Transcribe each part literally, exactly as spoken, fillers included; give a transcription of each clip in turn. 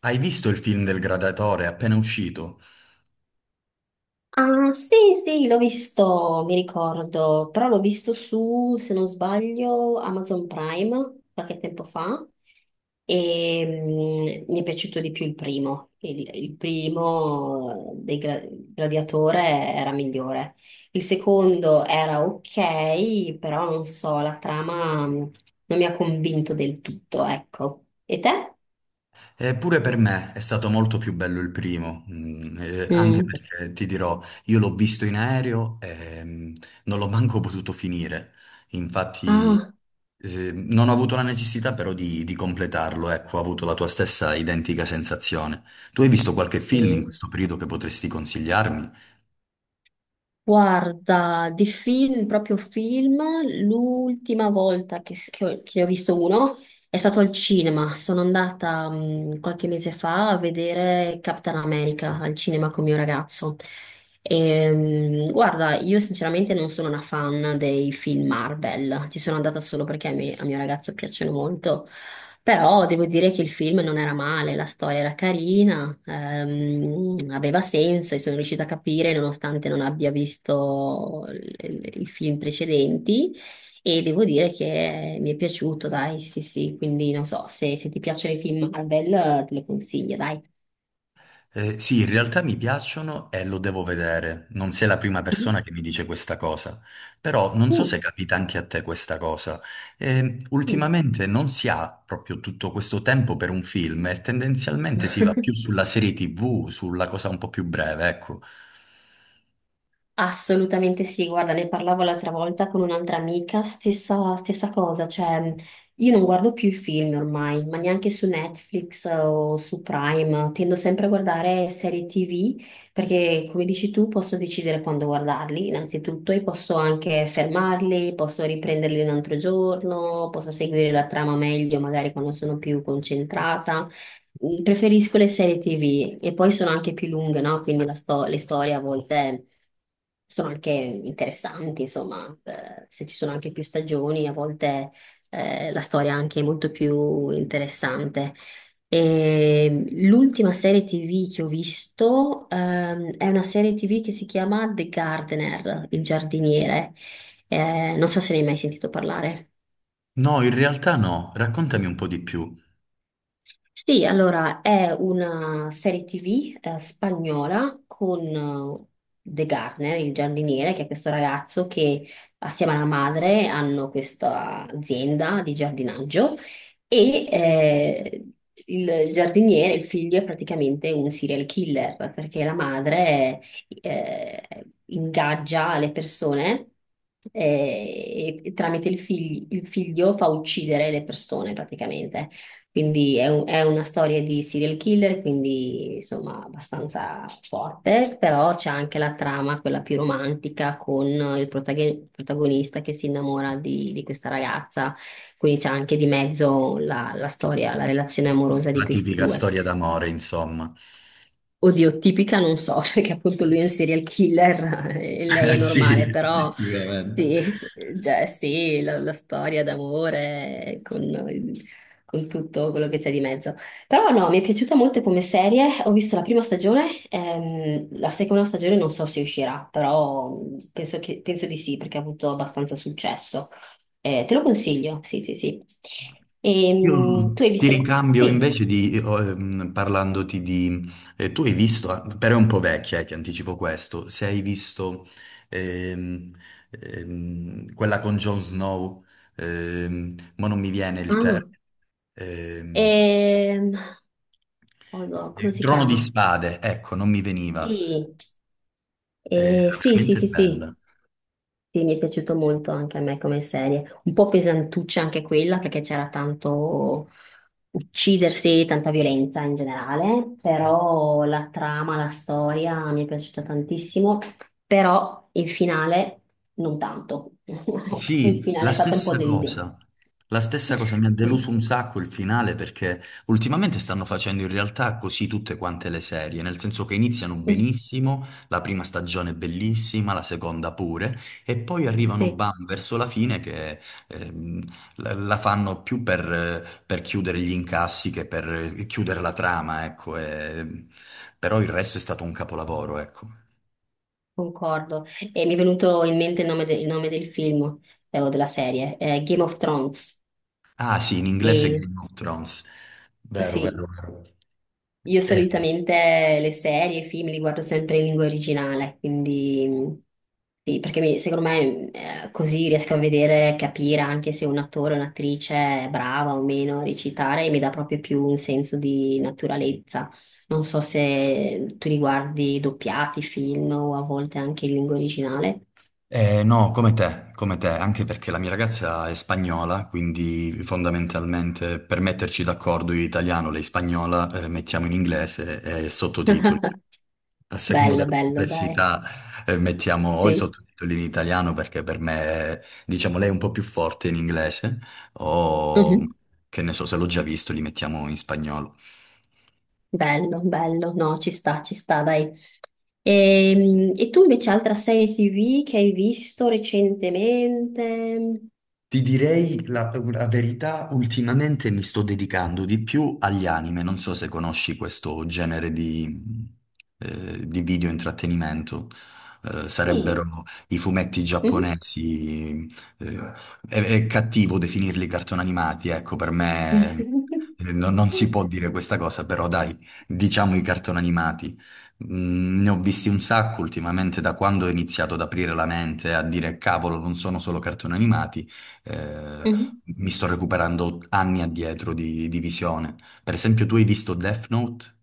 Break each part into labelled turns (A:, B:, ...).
A: Hai visto il film del Gladiatore appena uscito?
B: Ah, sì, sì, l'ho visto, mi ricordo, però l'ho visto su, se non sbaglio, Amazon Prime qualche tempo fa e mm, mi è piaciuto di più il primo. Il, il primo dei gra- Gladiatore era migliore. Il secondo era ok, però non so, la trama mm, non mi ha convinto del tutto, ecco. E te?
A: Eppure per me è stato molto più bello il primo, mm, eh, anche
B: Mm.
A: perché ti dirò, io l'ho visto in aereo e mm, non l'ho manco potuto finire. Infatti,
B: Ah,
A: eh, non ho avuto la necessità però di, di completarlo, ecco, ho avuto la tua stessa identica sensazione. Tu hai visto qualche film in
B: sì.
A: questo periodo che potresti consigliarmi?
B: Guarda, di film, proprio film, l'ultima volta che, s- che ho, che ho visto uno è stato al cinema. Sono andata mh, qualche mese fa a vedere Capitan America al cinema con mio ragazzo. Ehm, guarda, io sinceramente non sono una fan dei film Marvel, ci sono andata solo perché a me- a mio ragazzo piacciono molto. Però devo dire che il film non era male, la storia era carina, ehm, aveva senso e sono riuscita a capire nonostante non abbia visto il- i film precedenti e devo dire che mi è piaciuto, dai, sì sì, quindi non so, se, se ti piacciono i film Marvel eh, te lo consiglio, dai.
A: Eh, sì, in realtà mi piacciono e lo devo vedere. Non sei la prima
B: Mhm.
A: persona che mi dice questa cosa, però non so
B: Mm.
A: se capita anche a te questa cosa. Eh, ultimamente non si ha proprio tutto questo tempo per un film e tendenzialmente si
B: Mm.
A: va più sulla serie T V, sulla cosa un po' più breve, ecco.
B: Assolutamente sì, guarda, ne parlavo l'altra volta con un'altra amica, stessa, stessa cosa, cioè io non guardo più i film ormai, ma neanche su Netflix eh, o su Prime, tendo sempre a guardare serie T V perché come dici tu posso decidere quando guardarli innanzitutto e posso anche fermarli, posso riprenderli un altro giorno, posso seguire la trama meglio magari quando sono più concentrata. Preferisco le serie T V e poi sono anche più lunghe, no? Quindi la sto- le storie a volte sono anche interessanti, insomma, eh, se ci sono anche più stagioni, a volte eh, la storia anche è molto più interessante. E l'ultima serie T V che ho visto ehm, è una serie T V che si chiama The Gardener, il giardiniere. Eh, non so se ne hai mai sentito parlare.
A: No, in realtà no. Raccontami un po' di più.
B: Sì, allora è una serie T V eh, spagnola con eh, De Garner, il giardiniere, che è questo ragazzo che assieme alla madre hanno questa azienda di giardinaggio e eh, il giardiniere, il figlio, è praticamente un serial killer perché la madre eh, ingaggia le persone eh, e tramite il fig- il figlio fa uccidere le persone praticamente. Quindi è, un- è una storia di serial killer, quindi insomma abbastanza forte, però c'è anche la trama, quella più romantica, con il protago- protagonista che si innamora di, di questa ragazza, quindi c'è anche di mezzo la la storia, la relazione amorosa di
A: La
B: questi
A: tipica
B: due.
A: storia d'amore, insomma.
B: Oddio, tipica non so, perché appunto lui è un serial killer e lei è
A: Eh
B: normale,
A: sì,
B: però
A: effettivamente.
B: sì, cioè sì, la, la storia d'amore con, con tutto quello che c'è di mezzo. Però no, mi è piaciuta molto come serie, ho visto la prima stagione, ehm, la seconda stagione non so se uscirà, però mh, penso che- penso di sì, perché ha avuto abbastanza successo. Eh, te lo consiglio, sì, sì, sì.
A: Io
B: Ehm, tu hai
A: ti
B: visto...
A: ricambio
B: Sì.
A: invece di, io, ehm, parlandoti di... eh, tu hai visto, ah, però è un po' vecchia, eh, ti anticipo questo, se hai visto ehm, ehm, quella con Jon Snow, ehm, ma non mi viene il
B: Ah.
A: termine, ehm,
B: Ehm, Oddio, come si
A: Trono di
B: chiama?
A: Spade, ecco, non mi veniva,
B: Sì,
A: era
B: eh, sì, sì,
A: veramente
B: sì, sì,
A: bella.
B: sì, mi è piaciuto molto anche a me come serie. Un po' pesantuccia anche quella perché c'era tanto uccidersi, tanta violenza in generale, però la trama, la storia mi è piaciuta tantissimo, però il finale non tanto. Ecco, il
A: Sì,
B: finale
A: la
B: è stato un po'
A: stessa
B: deludente.
A: cosa. La stessa cosa mi ha deluso
B: Sì,
A: un sacco il finale perché ultimamente stanno facendo in realtà così tutte quante le serie, nel senso che iniziano benissimo, la prima stagione è bellissima, la seconda pure, e poi arrivano
B: sì.
A: bam verso la fine che ehm, la, la fanno più per, eh, per chiudere gli incassi che per eh, chiudere la trama, ecco. e- Però il resto è stato un capolavoro, ecco.
B: Concordo. E mi è venuto in mente il nome, de- il nome del film eh, o della serie, eh, Game of Thrones.
A: Ah sì, in inglese
B: E
A: Game of Thrones. Vero,
B: sì,
A: vero, vero.
B: io
A: Eh,
B: solitamente le serie, i film li guardo sempre in lingua originale, quindi mh, sì, perché mi- secondo me eh, così riesco a vedere, capire anche se un attore o un'attrice è brava o meno a recitare e mi dà proprio più un senso di naturalezza. Non so se tu li guardi doppiati, film o a volte anche in lingua originale.
A: eh, no, come te, come te, anche perché la mia ragazza è spagnola, quindi fondamentalmente per metterci d'accordo io italiano, lei spagnola, eh, mettiamo in inglese e sottotitoli. A secondo
B: Bello,
A: della
B: bello, dai.
A: complessità, eh, mettiamo o i
B: Sì.
A: sottotitoli in italiano perché per me, diciamo, lei è un po' più forte in inglese, o
B: Mhm.
A: che ne so, se l'ho già visto, li mettiamo in spagnolo.
B: Bello, bello. No, ci sta, ci sta, dai. Ehm, E, tu invece altra serie T V che hai visto recentemente?
A: Ti direi la, la verità, ultimamente mi sto dedicando di più agli anime, non so se conosci questo genere di, eh, di video intrattenimento. Eh,
B: Mm.
A: sarebbero i fumetti
B: Mhm.
A: giapponesi, eh, è, è cattivo definirli cartoni animati, ecco, per me eh, non non si può dire questa cosa, però dai, diciamo i cartoni animati. Mm, Ne ho visti un sacco ultimamente da quando ho iniziato ad aprire la mente, a dire cavolo, non sono solo cartoni animati eh,
B: Mhm.
A: mi sto recuperando anni addietro di, di visione. Per esempio, tu hai visto Death Note?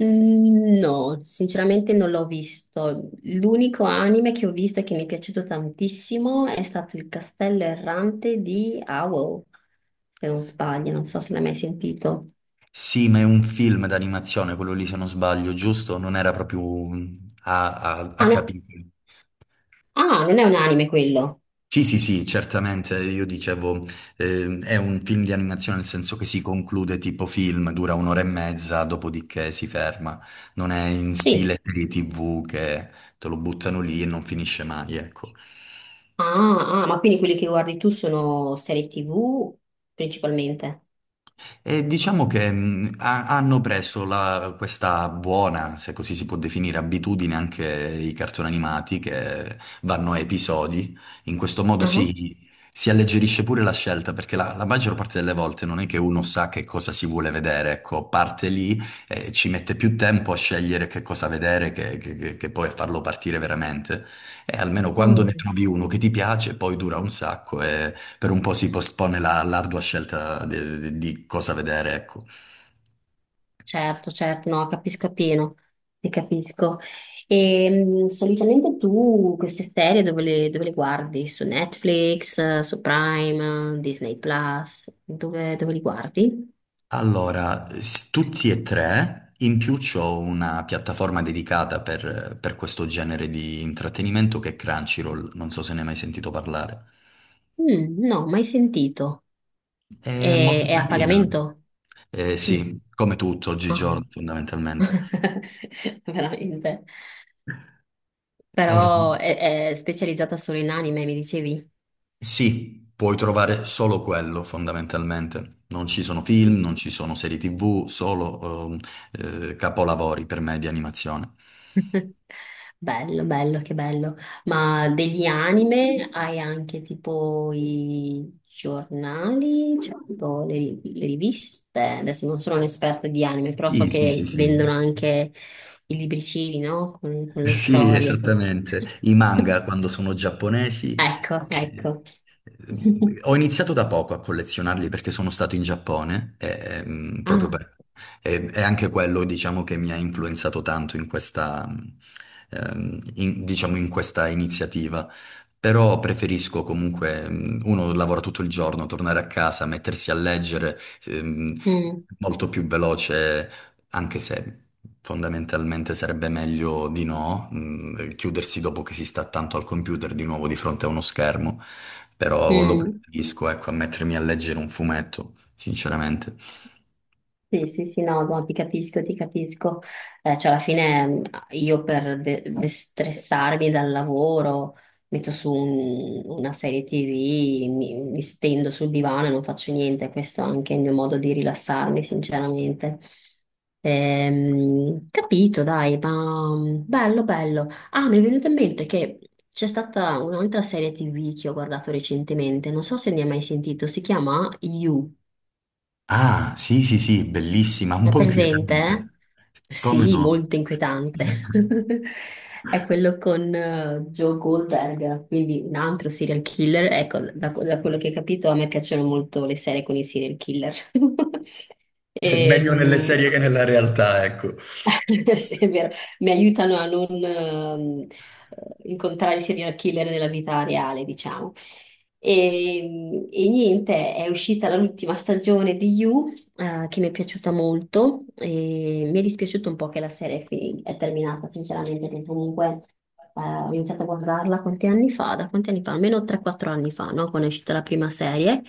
B: Mm, no, sinceramente non l'ho visto. L'unico anime che ho visto e che mi è piaciuto tantissimo è stato Il Castello Errante di Owl, se non sbaglio, non so se l'hai mai sentito.
A: Sì, ma è un film d'animazione, quello lì se non sbaglio, giusto? Non era proprio un- a, a, a
B: Ah, no.
A: capitoli.
B: Ah, non è un anime quello.
A: Sì, sì, sì, certamente, io dicevo, eh, è un film di animazione nel senso che si conclude tipo film, dura un'ora e mezza, dopodiché si ferma. Non è in
B: Sì.
A: stile serie T V che te lo buttano lì e non finisce mai, ecco.
B: Ah, ah, ma quindi quelli che guardi tu sono serie T V principalmente?
A: E diciamo che mh, ha- hanno preso la- questa buona, se così si può definire, abitudine anche i cartoni animati che vanno a episodi. In questo modo
B: Mhm.
A: si, si alleggerisce pure la scelta, perché la, la maggior parte delle volte non è che uno sa che cosa si vuole vedere, ecco, parte lì e ci mette più tempo a scegliere che cosa vedere che, che- che- che poi a farlo partire veramente. E almeno quando ne
B: Mm,
A: trovi uno che ti piace, poi dura un sacco per un po' si postpone la- l'ardua scelta de- de- di cosa vedere, ecco.
B: certo, certo, no, capisco appieno, ti capisco. E mm, solitamente tu queste serie dove le, dove le guardi? Su Netflix, eh, su Prime, eh, Disney Plus? Dove, dove li guardi?
A: Allora, s- tutti e tre, in più c'ho una piattaforma dedicata per, per questo genere di intrattenimento che è Crunchyroll, non so se ne hai mai sentito parlare.
B: Mm, no, mai sentito.
A: È
B: E-
A: molto
B: È a
A: carina.
B: pagamento?
A: Eh,
B: Sì.
A: sì, come tutto
B: Ah.
A: oggigiorno fondamentalmente.
B: Veramente.
A: Eh,
B: Però è, è specializzata solo in anime, mi dicevi?
A: Sì, puoi trovare solo quello fondamentalmente. Non ci sono film, non ci sono serie T V, solo ehm, eh, capolavori per me di animazione.
B: Bello, bello, che bello. Ma degli anime hai anche tipo i giornali, cioè tipo le, le riviste. Adesso non sono un'esperta di anime, però so
A: Sì, sì,
B: che
A: sì, sì.
B: vendono anche i libricini, no? Con, con le
A: Sì,
B: storie.
A: esattamente. I manga quando sono giapponesi.
B: Ecco,
A: eh,
B: ecco.
A: eh, Ho iniziato da poco a collezionarli perché sono stato in Giappone, eh, ehm, proprio
B: Ah,
A: per... e è anche quello, diciamo, che mi ha influenzato tanto in questa, ehm, in- diciamo, in questa iniziativa. Però preferisco comunque, mm, uno lavora tutto il giorno, tornare a casa, mettersi a leggere, ehm,
B: mm,
A: molto più veloce anche se fondamentalmente sarebbe meglio di no, mh, chiudersi dopo che si sta tanto al computer di nuovo di fronte a uno schermo, però lo
B: mm.
A: preferisco, ecco, a mettermi a leggere un fumetto, sinceramente.
B: Sì, sì, sì, no, no, ti capisco, ti capisco. Eh, cioè, alla fine mh, io per de- destressarmi dal lavoro metto su un- una serie T V, mi, mi stendo sul divano e non faccio niente. Questo è anche il mio modo di rilassarmi, sinceramente. Ehm, capito, dai, ma mh, bello, bello. Ah, mi è venuto in mente che c'è stata un'altra serie T V che ho guardato recentemente, non so se ne hai mai sentito, si chiama You.
A: Ah, sì, sì, sì, bellissima, un
B: È
A: po'
B: presente?
A: inquietante.
B: Eh?
A: Come
B: Sì,
A: no?
B: molto inquietante. È quello con eh, Joe Goldberg, quindi un altro serial killer. Ecco, da, da quello che ho capito, a me piacciono molto le serie con i serial killer.
A: È meglio nelle
B: Ehm,
A: serie che nella realtà, ecco.
B: sì, è vero, mi aiutano a non ehm, incontrare i serial killer nella vita reale, diciamo. E, e niente, è uscita l'ultima stagione di You eh, che mi è piaciuta molto e mi è dispiaciuto un po' che la serie è, fi- è terminata, sinceramente, perché comunque eh, ho iniziato a guardarla quanti anni fa, da quanti anni fa? Almeno tre quattro anni fa, no? Quando è uscita la prima serie.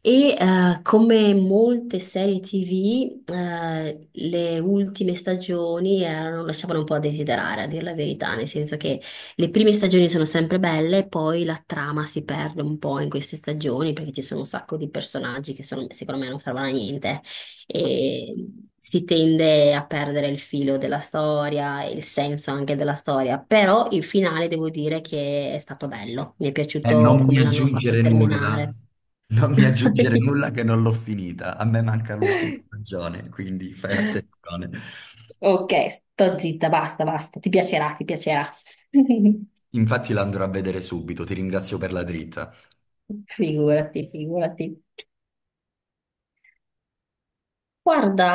B: E eh, come molte serie T V, eh, le ultime stagioni erano- lasciavano un po' a desiderare, a dir la verità, nel senso che le prime stagioni sono sempre belle, poi la trama si perde un po' in queste stagioni perché ci sono un sacco di personaggi che sono- secondo me non servono a niente e si tende a perdere il filo della storia, e il senso anche della storia, però il finale devo dire che è stato bello, mi è
A: E
B: piaciuto
A: non mi
B: come l'hanno fatto
A: aggiungere nulla,
B: terminare.
A: non mi aggiungere nulla che non l'ho finita. A me manca l'ultima stagione, quindi fai attenzione.
B: Ok, sto zitta, basta, basta, ti piacerà, ti piacerà.
A: Infatti la andrò a vedere subito, ti ringrazio per la dritta.
B: Figurati, figurati. Guarda,